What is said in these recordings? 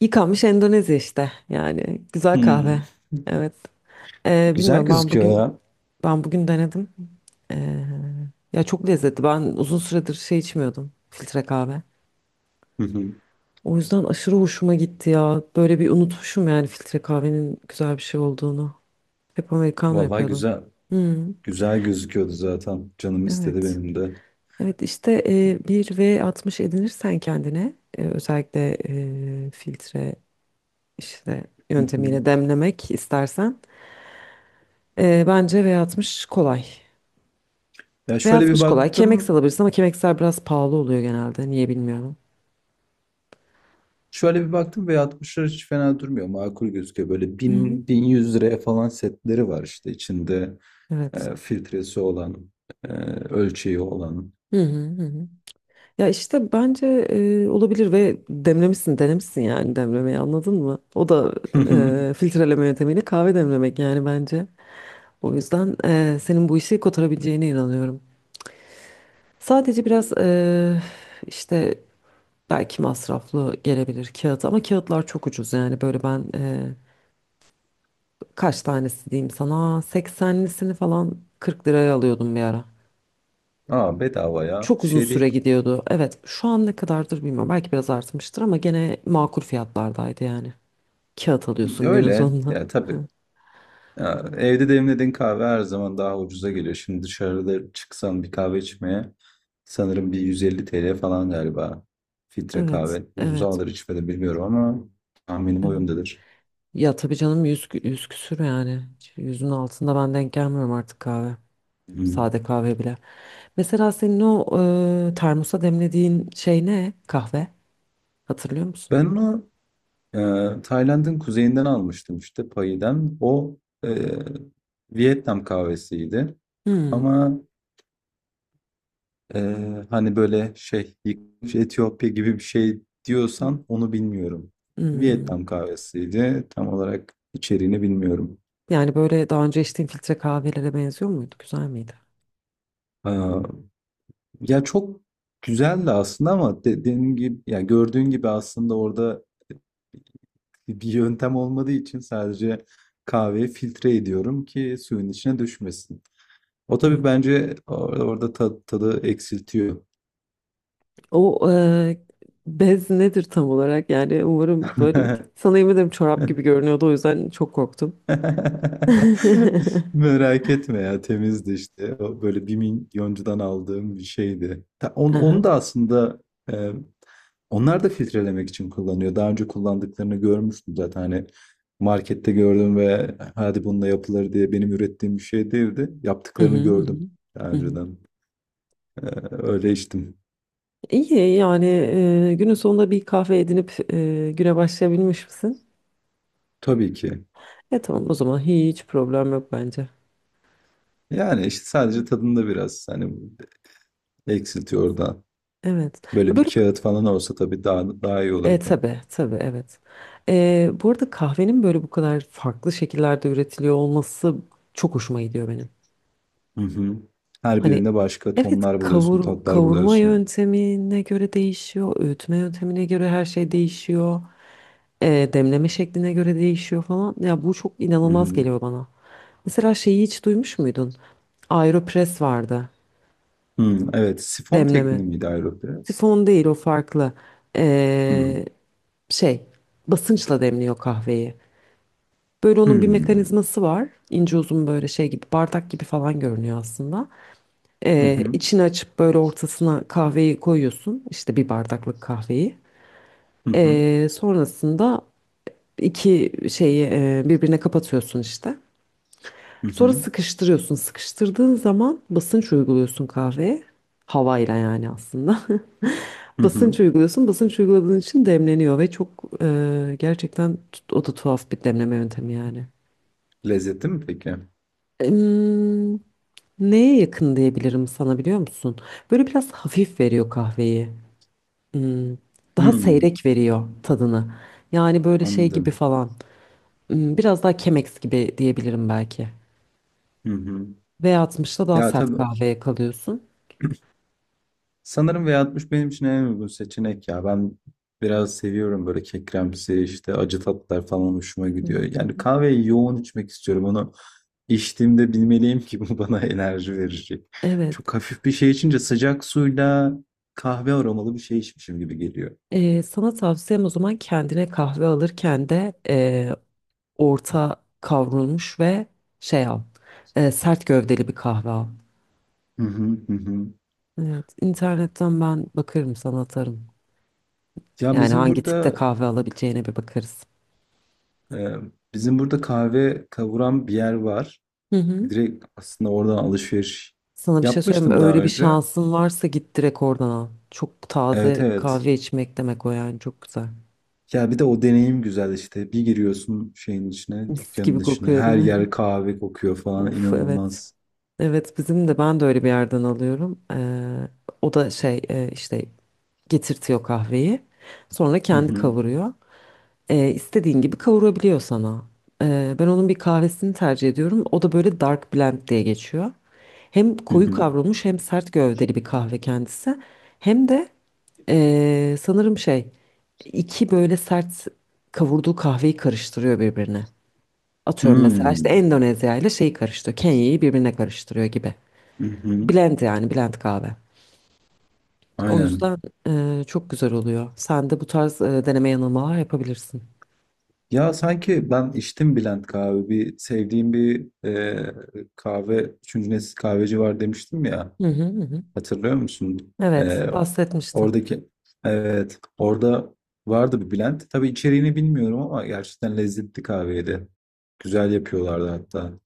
Yıkanmış Endonezya işte yani güzel kahve. Hmm. Evet. Ee, Güzel bilmiyorum ben gözüküyor bugün ya. Denedim. Ee, ya çok lezzetli. Ben uzun süredir şey içmiyordum filtre kahve. Hı hı. O yüzden aşırı hoşuma gitti ya. Böyle bir unutmuşum yani filtre kahvenin güzel bir şey olduğunu. Hep americano Vallahi yapıyordum. güzel. Hmm, Güzel gözüküyordu zaten. Canım istedi evet. benim de. Evet işte bir V60 edinirsen kendine özellikle filtre işte Hı hı. yöntemiyle demlemek istersen. Bence V60 kolay. Ya şöyle bir V60 kolay. Kemex baktım. alabilirsin ama Kemex'ler biraz pahalı oluyor genelde. Niye bilmiyorum. Şöyle bir baktım ve 60'lar hiç fena durmuyor. Makul gözüküyor. Böyle Hı hı. bin bin yüz liraya falan setleri var işte içinde Evet. Filtresi olan, e, ölçeği olan. Hı hı hı. Hı. Ya işte bence olabilir ve demlemişsin, denemişsin yani demlemeyi anladın mı? O da filtreleme yöntemiyle kahve demlemek yani bence. O yüzden senin bu işi kotarabileceğine inanıyorum. Sadece biraz işte belki masraflı gelebilir kağıt ama kağıtlar çok ucuz yani böyle ben kaç tanesi diyeyim sana 80'lisini falan 40 liraya alıyordum bir ara. Aa, bedava ya. Bir Çok uzun şey süre değil. gidiyordu. Evet, şu an ne kadardır bilmiyorum. Belki biraz artmıştır ama gene makul fiyatlardaydı yani. Kağıt alıyorsun günün Öyle. sonunda. Ya, tabii. Ya, evde demlediğin kahve her zaman daha ucuza geliyor. Şimdi dışarıda çıksam bir kahve içmeye sanırım bir 150 TL falan galiba. Filtre Evet, kahve. Uzun evet. zamandır içmedim, bilmiyorum, ama tahminim o yöndedir. Ya tabii canım yüz, yüz küsür yani. Yüzün altında ben denk gelmiyorum artık kahve. Hı. Sade kahve bile. Mesela senin o termosa demlediğin şey ne? Kahve. Hatırlıyor musun? Ben onu Tayland'ın kuzeyinden almıştım işte Payi'den. O e, Vietnam kahvesiydi. Hmm, Ama Ee, hani böyle şey yıkmış Etiyopya gibi bir şey diyorsan onu bilmiyorum. hmm. Vietnam kahvesiydi. Tam olarak içeriğini bilmiyorum. Yani böyle daha önce içtiğin filtre kahvelere benziyor muydu? Güzel miydi? Aa, ya çok güzeldi aslında, ama dediğim gibi, ya, gördüğün gibi aslında orada bir yöntem olmadığı için sadece kahveyi filtre ediyorum ki suyun içine düşmesin. O, tabii Hmm. bence orada tadı eksiltiyor. O bez nedir tam olarak? Yani umarım böyle sana yemin ederim çorap gibi görünüyordu o yüzden çok korktum. Merak etme ya, temizdi işte. O, böyle bir milyoncudan aldığım bir şeydi. Aha. Onu da aslında e, onlar da filtrelemek için kullanıyor. Daha önce kullandıklarını görmüştüm zaten. Hani markette gördüm ve hadi bununla yapılır diye benim ürettiğim bir şey değildi. Hı hı, Yaptıklarını hı gördüm hı, daha hı hı. önceden. E, öyle içtim. İyi yani günün sonunda bir kahve edinip güne başlayabilmiş misin? Tabii ki. Tamam o zaman hiç problem yok bence. Yani işte sadece tadında biraz hani eksiltiyor oradan. Evet. Böyle bir Böyle. kağıt falan olsa tabii daha iyi olurdu. Tabii tabii evet. Bu arada kahvenin böyle bu kadar farklı şekillerde üretiliyor olması çok hoşuma gidiyor benim. Hı hı. Her Hani birinde başka evet tonlar buluyorsun, tatlar kavurma buluyorsun. yöntemine göre değişiyor, öğütme yöntemine göre her şey değişiyor. Demleme şekline göre değişiyor falan. Ya bu çok Hı inanılmaz hı. geliyor bana. Mesela şeyi hiç duymuş muydun? Aeropress vardı. Hı, evet, sifon Demleme. tekniği miydi Aeropress? Sifon değil o farklı. Hı. E, Şey basınçla demliyor kahveyi. Böyle onun bir Hı. mekanizması var. İnce uzun böyle şey gibi bardak gibi falan görünüyor aslında. Hı hı. İçini açıp böyle ortasına kahveyi koyuyorsun. İşte bir bardaklık kahveyi. Hı hı. Sonrasında iki şeyi birbirine kapatıyorsun işte. Hı Sonra hı. sıkıştırıyorsun. Sıkıştırdığın zaman basınç uyguluyorsun kahveye. Havayla yani aslında. Hı Basınç hı. uyguluyorsun. Basınç uyguladığın için demleniyor ve çok gerçekten o da tuhaf bir demleme yöntemi yani. Lezzetli mi peki? Em, Neye yakın diyebilirim sana biliyor musun? Böyle biraz hafif veriyor kahveyi. Hmm, Daha Hı. seyrek veriyor tadını. Yani böyle şey gibi Anladım. falan. Biraz daha Chemex gibi diyebilirim belki. Hı hı. V60'da daha Ya, sert tabii. kahveye kalıyorsun. Sanırım V60 benim için en uygun seçenek ya. Ben biraz seviyorum böyle kekremsi işte, acı tatlar falan hoşuma Hı gidiyor. hı, hı Yani hı. kahveyi yoğun içmek istiyorum. Onu içtiğimde bilmeliyim ki bu bana enerji verecek. Evet. Çok hafif bir şey içince sıcak suyla kahve aromalı bir şey içmişim gibi geliyor. Sana tavsiyem o zaman kendine kahve alırken de orta kavrulmuş ve şey al. Sert gövdeli bir kahve al. Hı hı hı. Hı. Evet. internetten ben bakarım sana atarım. Ya Yani bizim hangi tipte burada kahve alabileceğine bir bakarız. e, kahve kavuran bir yer var. Hı hı. Direkt aslında oradan alışveriş Sana bir şey söyleyeyim mi? yapmıştım daha Öyle bir önce. şansın varsa git direkt oradan al. Çok Evet, taze evet. kahve içmek demek o yani çok güzel. Ya bir de o deneyim güzel işte. Bir giriyorsun şeyin içine, Mis dükkanın gibi içine. kokuyor değil Her mi? yer kahve kokuyor falan. Of evet. İnanılmaz. Evet bizim de ben de öyle bir yerden alıyorum. O da şey işte getirtiyor kahveyi. Sonra Hı kendi hı. kavuruyor. İstediğin gibi kavurabiliyor sana. Ben onun bir kahvesini tercih ediyorum. O da böyle dark blend diye geçiyor. Hem Hı koyu hı. kavrulmuş hem sert gövdeli bir kahve kendisi. Hem de sanırım şey iki böyle sert kavurduğu kahveyi karıştırıyor birbirine. Atıyorum mesela işte Hmm. Endonezya ile şeyi karıştırıyor. Kenya'yı birbirine karıştırıyor gibi. Hı hı. Blend yani blend kahve. O Aynen. yüzden çok güzel oluyor. Sen de bu tarz deneme yanılmalar yapabilirsin. Ya sanki ben içtim Bülent kahve. Bir sevdiğim bir kahve, üçüncü nesil kahveci var demiştim ya. Hı hı hı. Hatırlıyor musun? Evet, bahsetmiştin. Oradaki evet orada vardı bir blend. Tabii içeriğini bilmiyorum ama gerçekten lezzetli kahveydi. Güzel yapıyorlardı hatta.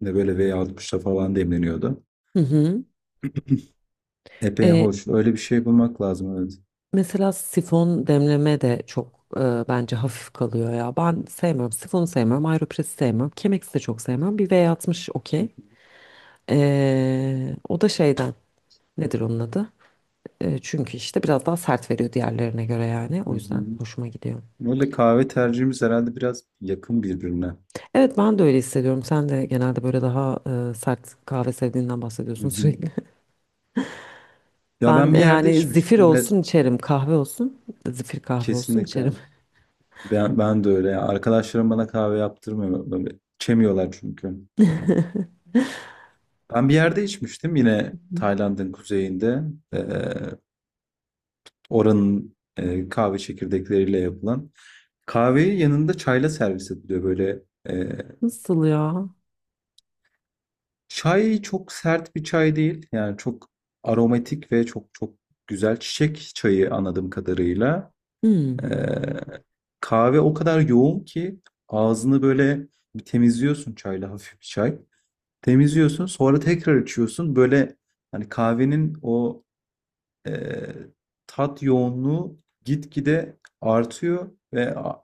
Ne böyle V60'ta falan demleniyordu. Hı hı. Epey E, hoş. Öyle bir şey bulmak lazım, evet. Mesela sifon demleme de çok bence hafif kalıyor ya. Ben sevmem. Sifonu sevmem. Aeropress'i sevmem. Chemex'i de çok sevmem. Bir V60 okey. O da şeyden. Nedir onun adı? Çünkü işte biraz daha sert veriyor diğerlerine göre yani. Hı O yüzden hı. hoşuma gidiyor. Öyle kahve tercihimiz herhalde biraz yakın birbirine. Evet ben de öyle hissediyorum. Sen de genelde böyle daha sert kahve sevdiğinden Hı bahsediyorsun hı. sürekli. Ya Ben ben bir yerde yani zifir içmiştim. Yine. olsun içerim. Kahve olsun. Zifir kahve olsun Kesinlikle. içerim. Ben de öyle ya. Arkadaşlarım bana kahve yaptırmıyor. Böyle içemiyorlar çünkü. Ben bir yerde içmiştim yine Tayland'ın kuzeyinde. Ee, oranın kahve çekirdekleriyle yapılan. Kahveyi yanında çayla servis ediliyor böyle. e, Nasıl ya? çay çok sert bir çay değil. Yani çok aromatik ve çok çok güzel çiçek çayı, anladığım kadarıyla. Ee, Hmm, kahve o kadar yoğun ki ağzını böyle bir temizliyorsun çayla, hafif bir çay. Temizliyorsun, sonra tekrar içiyorsun. Böyle hani kahvenin o eee, tat yoğunluğu gitgide artıyor ve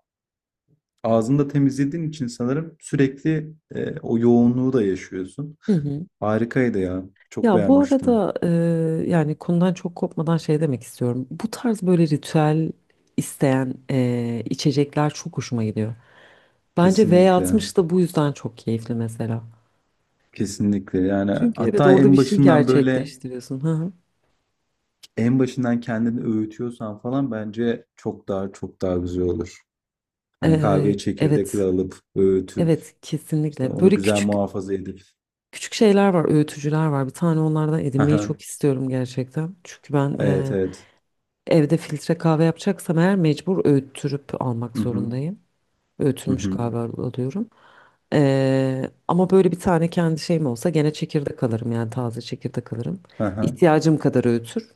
ağzını temizlediğin için sanırım sürekli, o yoğunluğu da yaşıyorsun. Hı hı. Harikaydı ya. Çok Ya bu beğenmiştim. arada yani konudan çok kopmadan şey demek istiyorum. Bu tarz böyle ritüel isteyen içecekler çok hoşuma gidiyor. Bence Kesinlikle. V60 da bu yüzden çok keyifli mesela. Kesinlikle. Yani Çünkü evet hatta orada bir şey gerçekleştiriyorsun. Hı hı. en başından kendini öğütüyorsan falan bence çok daha güzel olur. Hani kahveyi çekirdekle Evet, alıp öğütüp evet işte kesinlikle. onu Böyle güzel küçük muhafaza edip. küçük şeyler var, öğütücüler var. Bir tane onlardan edinmeyi Aha, çok istiyorum gerçekten. Çünkü ben evet, evet. evde filtre kahve yapacaksam eğer mecbur öğüttürüp almak Hı hı. zorundayım. Hı Öğütülmüş hı. galiba alıyorum. Ama böyle bir tane kendi şeyim olsa gene çekirdek alırım yani taze çekirdek alırım. Hı. İhtiyacım kadar öğütür.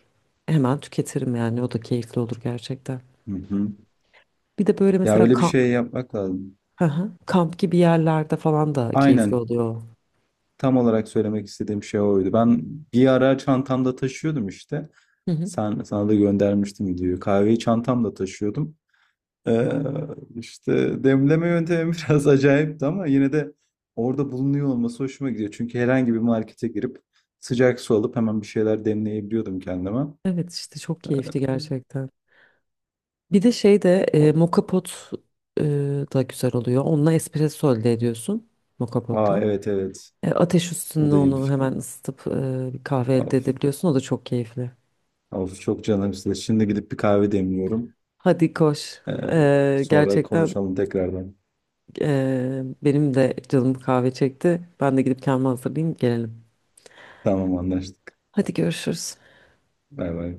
Hemen tüketirim yani o da keyifli olur gerçekten. Hı hı. Bir de böyle Ya mesela öyle bir kamp, şey yapmak lazım. Hı hı. Kamp gibi yerlerde falan da keyifli Aynen. oluyor. Tam olarak söylemek istediğim şey oydu. Ben bir ara çantamda taşıyordum işte. Hı hı. Sana da göndermiştim videoyu. Kahveyi çantamda taşıyordum. Ee, işte demleme yöntemi biraz acayipti, ama yine de orada bulunuyor olması hoşuma gidiyor. Çünkü herhangi bir markete girip sıcak su alıp hemen bir şeyler demleyebiliyordum kendime. Evet işte çok keyifli Ee, gerçekten. Bir de şey de O, moka pot e, da güzel oluyor. Onunla espresso elde ediyorsun moka aa, potla. evet, evet. Ateş O üstünde da iyi bir onu fikir. hemen ısıtıp bir kahve elde Of, edebiliyorsun. O da çok keyifli. of çok canım size. Şimdi gidip bir kahve demliyorum. Hadi koş. Ee, sonra Gerçekten konuşalım tekrardan. Benim de canım kahve çekti. Ben de gidip kendimi hazırlayayım gelelim. Tamam, anlaştık. Hadi görüşürüz. Bay bay.